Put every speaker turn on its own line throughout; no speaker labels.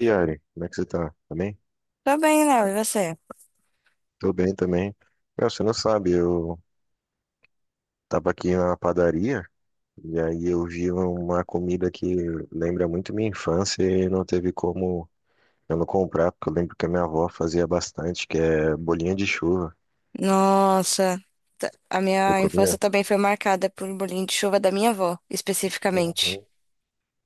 E, Ari, como é que você tá? Tá bem?
Tô bem, Léo, e você?
Tô bem também. Meu, você não sabe, eu tava aqui na padaria e aí eu vi uma comida que lembra muito minha infância e não teve como eu não comprar, porque eu lembro que a minha avó fazia bastante, que é bolinha de chuva.
Nossa, a
Você
minha infância
comia?
também foi marcada por bolinho de chuva da minha avó, especificamente.
Uhum.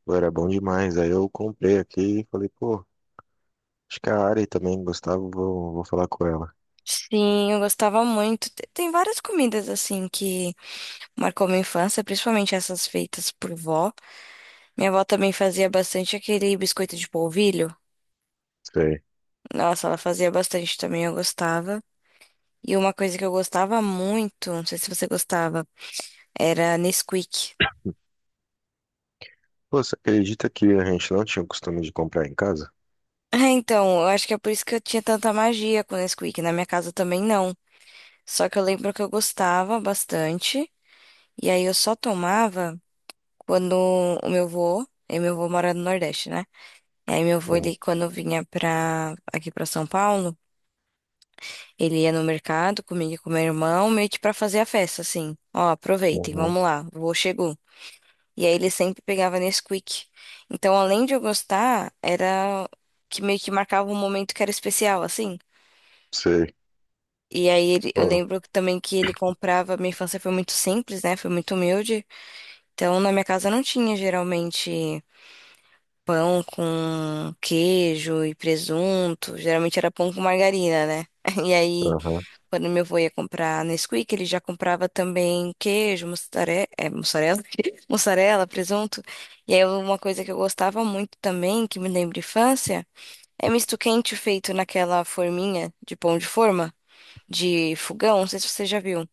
Pô, era bom demais. Aí eu comprei aqui e falei, pô, acho que a Ari também gostava, vou falar com ela.
Sim, eu gostava muito. Tem várias comidas assim que marcou minha infância, principalmente essas feitas por vó. Minha avó também fazia bastante aquele biscoito de polvilho.
Sei.
Nossa, ela fazia bastante também, eu gostava. E uma coisa que eu gostava muito, não sei se você gostava, era Nesquik.
Pô, você acredita que a gente não tinha o costume de comprar em casa?
Então, eu acho que é por isso que eu tinha tanta magia com Nesquik. Na minha casa também não. Só que eu lembro que eu gostava bastante. E aí eu só tomava quando o meu vô, e meu vô mora no Nordeste, né? E aí meu vô,
Hum.
ele, quando vinha aqui pra São Paulo, ele ia no mercado comigo e com meu irmão, meio que pra fazer a festa, assim. Ó, aproveitem,
Uhum.
vamos lá, o vô chegou. E aí ele sempre pegava Nesquik. Então, além de eu gostar, era que meio que marcava um momento que era especial, assim.
Sei.
E aí eu
Pô,
lembro que também que ele comprava, minha infância foi muito simples, né? Foi muito humilde. Então, na minha casa não tinha geralmente pão com queijo e presunto. Geralmente era pão com margarina, né? E aí,
aham.
quando meu avô ia comprar Nesquik, ele já comprava também queijo, mussarela, mussarela, presunto. E aí, uma coisa que eu gostava muito também, que me lembra infância, é misto quente feito naquela forminha de pão de forma, de fogão, não sei se você já viu.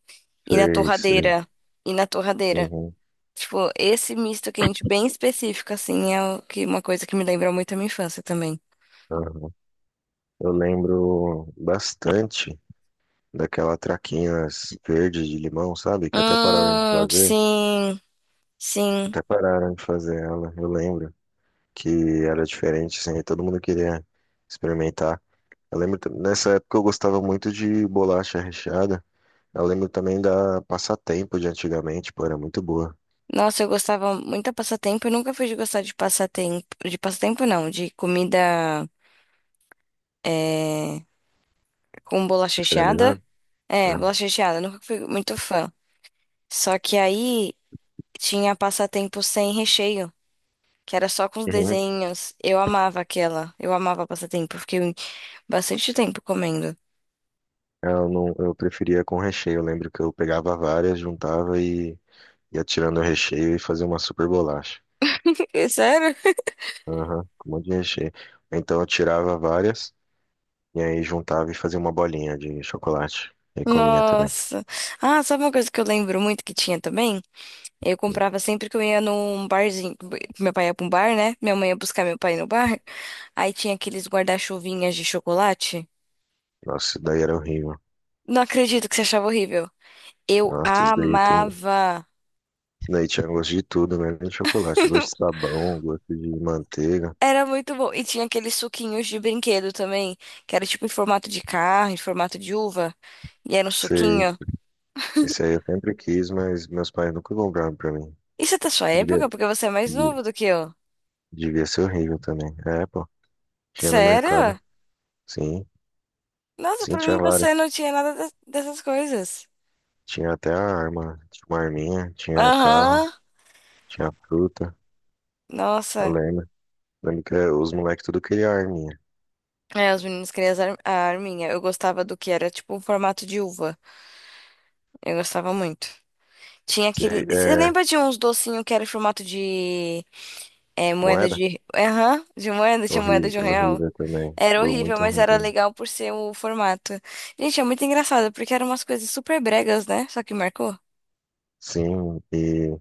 E na
Sei, sei.
torradeira. E na torradeira.
Uhum,
Tipo, esse misto quente bem específico, assim, é o que, uma coisa que me lembra muito a minha infância também.
uhum. Eu lembro bastante daquela traquinas verde de limão, sabe? Que até pararam de fazer.
Sim, sim.
Até pararam de fazer ela, eu lembro. Que era diferente, assim, e todo mundo queria experimentar. Eu lembro, nessa época eu gostava muito de bolacha recheada. Eu lembro também da passatempo de antigamente, pô, era muito boa.
Nossa, eu gostava muito de passatempo. Eu nunca fui de gostar de passatempo. De passatempo, não, de comida é, com bolacha recheada.
Industrializada?
É,
Era.
bolacha recheada, eu nunca fui muito fã. Só que aí tinha passatempo sem recheio, que era só com os
Uhum.
desenhos. Eu amava aquela. Eu amava passatempo. eu fiquei bastante tempo comendo.
Eu não, eu preferia com recheio. Eu lembro que eu pegava várias, juntava e ia tirando o recheio e fazia uma super bolacha.
Sério?
Aham, com um monte de recheio. Então eu tirava várias e aí juntava e fazia uma bolinha de chocolate. E comia também.
Nossa. Ah, sabe uma coisa que eu lembro muito que tinha também? Eu comprava sempre que eu ia num barzinho. Meu pai ia pra um bar, né? Minha mãe ia buscar meu pai no bar. Aí tinha aqueles guarda-chuvinhas de chocolate.
Nossa, isso daí era horrível.
Não acredito que você achava horrível. Eu
Nossa, isso daí tem.
amava.
Isso daí tinha gosto de tudo, né? Nem de chocolate. Gosto de sabão, gosto de manteiga.
Era muito bom. E tinha aqueles suquinhos de brinquedo também, que era tipo em formato de carro, em formato de uva. E era um
Sei.
suquinho.
Isso aí eu sempre quis, mas meus pais nunca compraram pra mim.
Isso é da sua
Devia,
época, porque você é mais
de-
novo do que eu.
devia ser horrível também. É, pô. Tinha no mercado.
Sério?
Sim.
Nossa,
Sim,
pra
tinha
mim
várias.
você não tinha nada dessas coisas.
Tinha até a arma. Tinha uma arminha, tinha carro.
Aham.
Tinha fruta, eu
Nossa.
lembro. Lembro que eh, os moleques tudo queria arminha.
É, os meninos queriam as a arminha. Eu gostava do que era tipo um formato de uva. Eu gostava muito. Tinha aquele. Você
É,
lembra de uns docinhos que era em formato de moeda
moeda?
de. Aham, de moeda, tinha moeda
Horrível,
de R$ 1.
horrível também.
Era
Foi
horrível,
muito
mas
ruim
era
também.
legal por ser o formato. Gente, é muito engraçado, porque eram umas coisas super bregas, né? Só que marcou.
Sim, e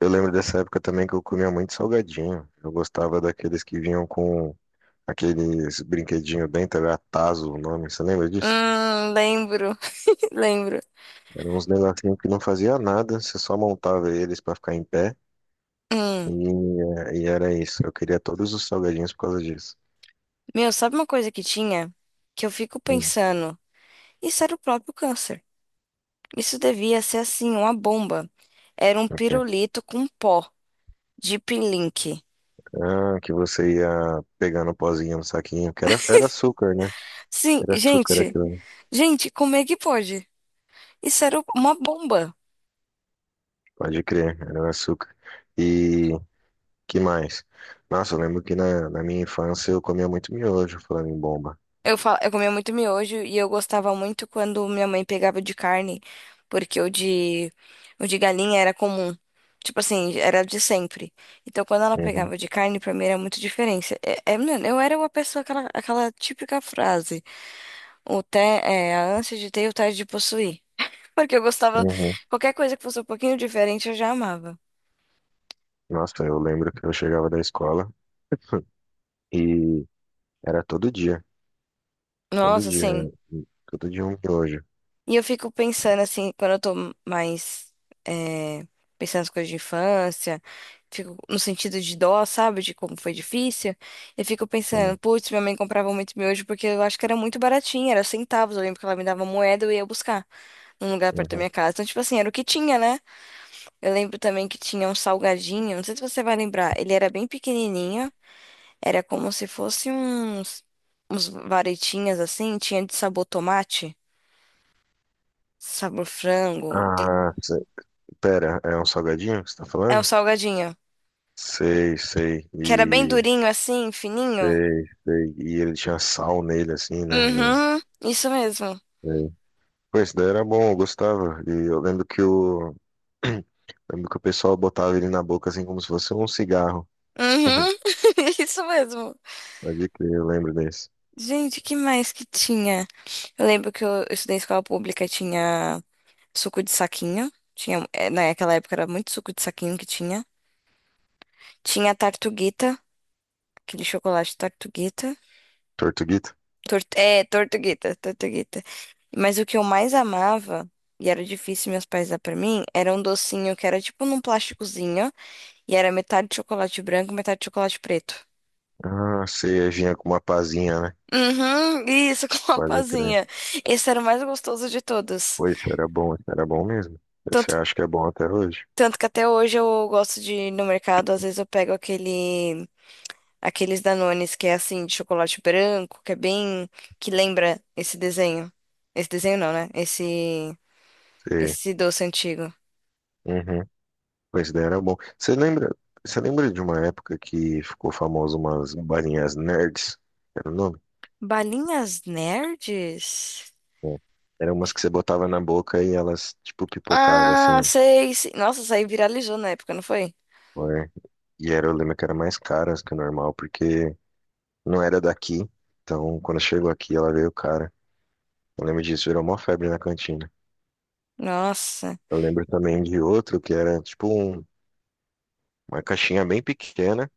eu lembro dessa época também que eu comia muito salgadinho. Eu gostava daqueles que vinham com aqueles brinquedinho dentro, era tazo o nome, você lembra disso?
Lembro, lembro.
Eram uns negocinhos que não fazia nada, você só montava eles pra ficar em pé
Hum.
e, e era isso. Eu queria todos os salgadinhos por causa disso.
Meu, sabe uma coisa que tinha? Que eu fico
Hum.
pensando, isso era o próprio câncer. Isso devia ser assim, uma bomba. Era um
Ok.
pirulito com pó de Link.
Ah, que você ia pegando o pozinho no saquinho, que era, era açúcar, né?
Sim,
Era açúcar
gente,
aquilo,
gente, como é que pode? Isso era uma bomba.
pode crer, era açúcar. E que mais? Nossa, eu lembro que na minha infância eu comia muito miojo, falando em bomba.
Eu comia muito miojo e eu gostava muito quando minha mãe pegava o de carne, porque o de galinha era comum. Tipo assim, era de sempre. Então, quando ela
Uhum,
pegava o de carne, pra mim era muito diferença. É, mano, eu era uma pessoa, aquela típica frase: a ânsia de ter e o tédio de possuir. Porque eu gostava,
uhum.
qualquer coisa que fosse um pouquinho diferente, eu já amava.
Nossa, eu lembro que eu chegava da escola e era todo dia, todo
Nossa,
dia,
assim.
todo dia um miojo.
E eu fico pensando assim, quando eu tô mais eh, pensando nas coisas de infância, fico no sentido de dó, sabe? De como foi difícil. Eu fico
Uhum,
pensando, putz, minha mãe comprava muito miojo porque eu acho que era muito baratinho, era centavos. Eu lembro que ela me dava moeda e eu ia buscar num lugar perto da
uhum.
minha casa. Então, tipo assim, era o que tinha, né? Eu lembro também que tinha um salgadinho, não sei se você vai lembrar, ele era bem pequenininho, era como se fosse uns varetinhas assim, tinha de sabor tomate, sabor frango.
Ah, pera, é um salgadinho que você tá
É o
falando?
salgadinho.
Sei, sei.
Que era bem durinho assim, fininho.
Sei, sei. E ele tinha sal nele, assim, né? No...
Uhum, isso mesmo.
Sei. Pô, esse daí era bom, eu gostava. E eu lembro que lembro que o pessoal botava ele na boca, assim, como se fosse um cigarro.
Uhum, isso mesmo.
Pode crer, eu lembro desse.
Gente, que mais que tinha? Eu lembro que eu estudei em escola pública, e tinha suco de saquinho. Tinha, naquela época era muito suco de saquinho que tinha. Tinha tartuguita, aquele chocolate tartuguita.
Tortuguito?
Tortuguita. Mas o que eu mais amava, e era difícil meus pais dar pra mim, era um docinho que era tipo num plásticozinho. E era metade de chocolate branco, metade de chocolate preto.
Ah, sei, vinha com uma pazinha, né?
Uhum, isso, com uma
Pode crer.
pazinha. Esse era o mais gostoso de todos.
Pô, esse era bom mesmo. Esse
Tanto,
eu acho que é bom até hoje.
tanto que até hoje eu gosto de ir no mercado, às vezes eu pego aquele, aqueles Danones que é assim, de chocolate branco, que é bem, que lembra esse desenho. Esse desenho não, né? Esse,
Sei.
esse doce antigo.
Uhum. Pô, esse daí era bom. Você lembra de uma época que ficou famoso umas balinhas nerds? Era o nome?
Balinhas nerds?
É. Eram umas que você botava na boca e elas, tipo, pipocavam,
Ah,
assim,
sei, sei. Nossa, isso aí viralizou na época, não foi?
o ar. E era, eu lembro que eram mais caras que o normal, porque não era daqui. Então, quando chegou aqui, ela veio cara. Eu lembro disso, virou uma febre na cantina.
Nossa.
Eu lembro também de outro que era, tipo, um- uma caixinha bem pequena.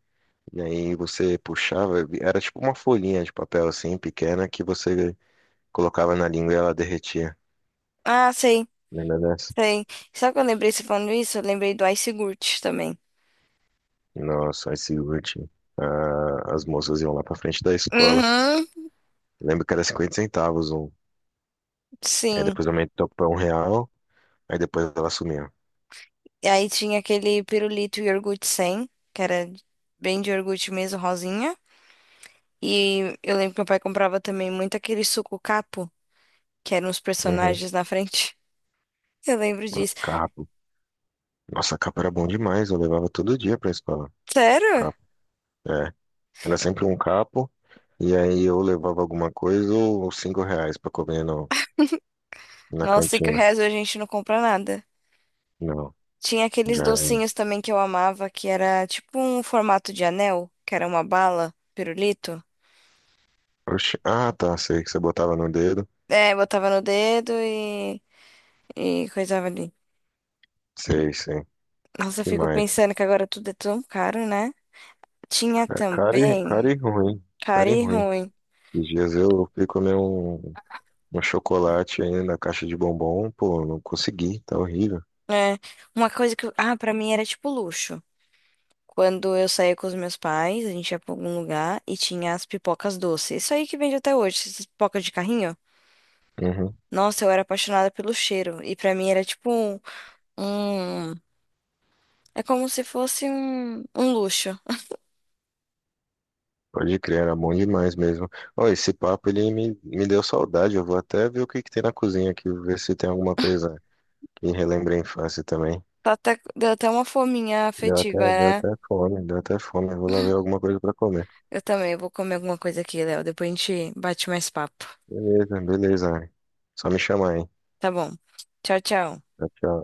E aí você puxava, era tipo uma folhinha de papel, assim, pequena, que você colocava na língua e ela derretia.
Ah, sei.
Lembra dessa?
Tem. Sabe que eu lembrei você falando isso? Eu lembrei do iogurte também.
Nossa, esse último. Ah, as moças iam lá pra frente da escola.
Uhum,
Lembro que era 0,50 centavos um. Aí
sim.
depois aumentou pra R$ 1, aí depois ela sumiu.
E aí tinha aquele pirulito iogurte sem, que era bem de iogurte mesmo, rosinha. E eu lembro que meu pai comprava também muito aquele suco capo, que eram os
Uhum.
personagens na frente. Eu lembro
A
disso.
Capo. Nossa, a Capo era bom demais, eu levava todo dia pra escola.
Sério?
Capo. É. Era sempre um Capo, e aí eu levava alguma coisa ou R$ 5 pra comer no, na
Nossa, cinco
cantina.
reais hoje a gente não compra nada.
Não,
Tinha aqueles
já era.
docinhos também que eu amava, que era tipo um formato de anel, que era uma bala, pirulito.
Oxi. Ah, tá, sei que você botava no dedo.
É, botava no dedo e coisava ali.
Sei, sei.
Nossa, eu
Que
fico
mais?
pensando que agora tudo é tão caro, né? Tinha
Cara, cara e cara
também,
e ruim.
caro
Cara e
e
ruim.
ruim.
Esses dias eu fui comer um. Um chocolate aí na caixa de bombom, pô, não consegui, tá horrível.
É, uma coisa que, ah, pra mim era tipo luxo. Quando eu saía com os meus pais, a gente ia pra algum lugar e tinha as pipocas doces. Isso aí que vende até hoje, essas pipocas de carrinho.
Uhum,
Nossa, eu era apaixonada pelo cheiro. E pra mim era tipo um- é como se fosse um luxo.
pode crer, era bom demais mesmo. Ó, esse papo ele me deu saudade, eu vou até ver o que que tem na cozinha aqui, ver se tem alguma coisa que relembra a infância também.
Tá até, deu até uma fominha afetiva, né?
Deu até fome, eu vou lá ver alguma coisa pra comer.
Eu também vou comer alguma coisa aqui, Léo. Depois a gente bate mais papo.
Beleza, beleza, Ari. Só me chamar, hein?
Tá bom. Tchau, tchau.
Tchau, tchau.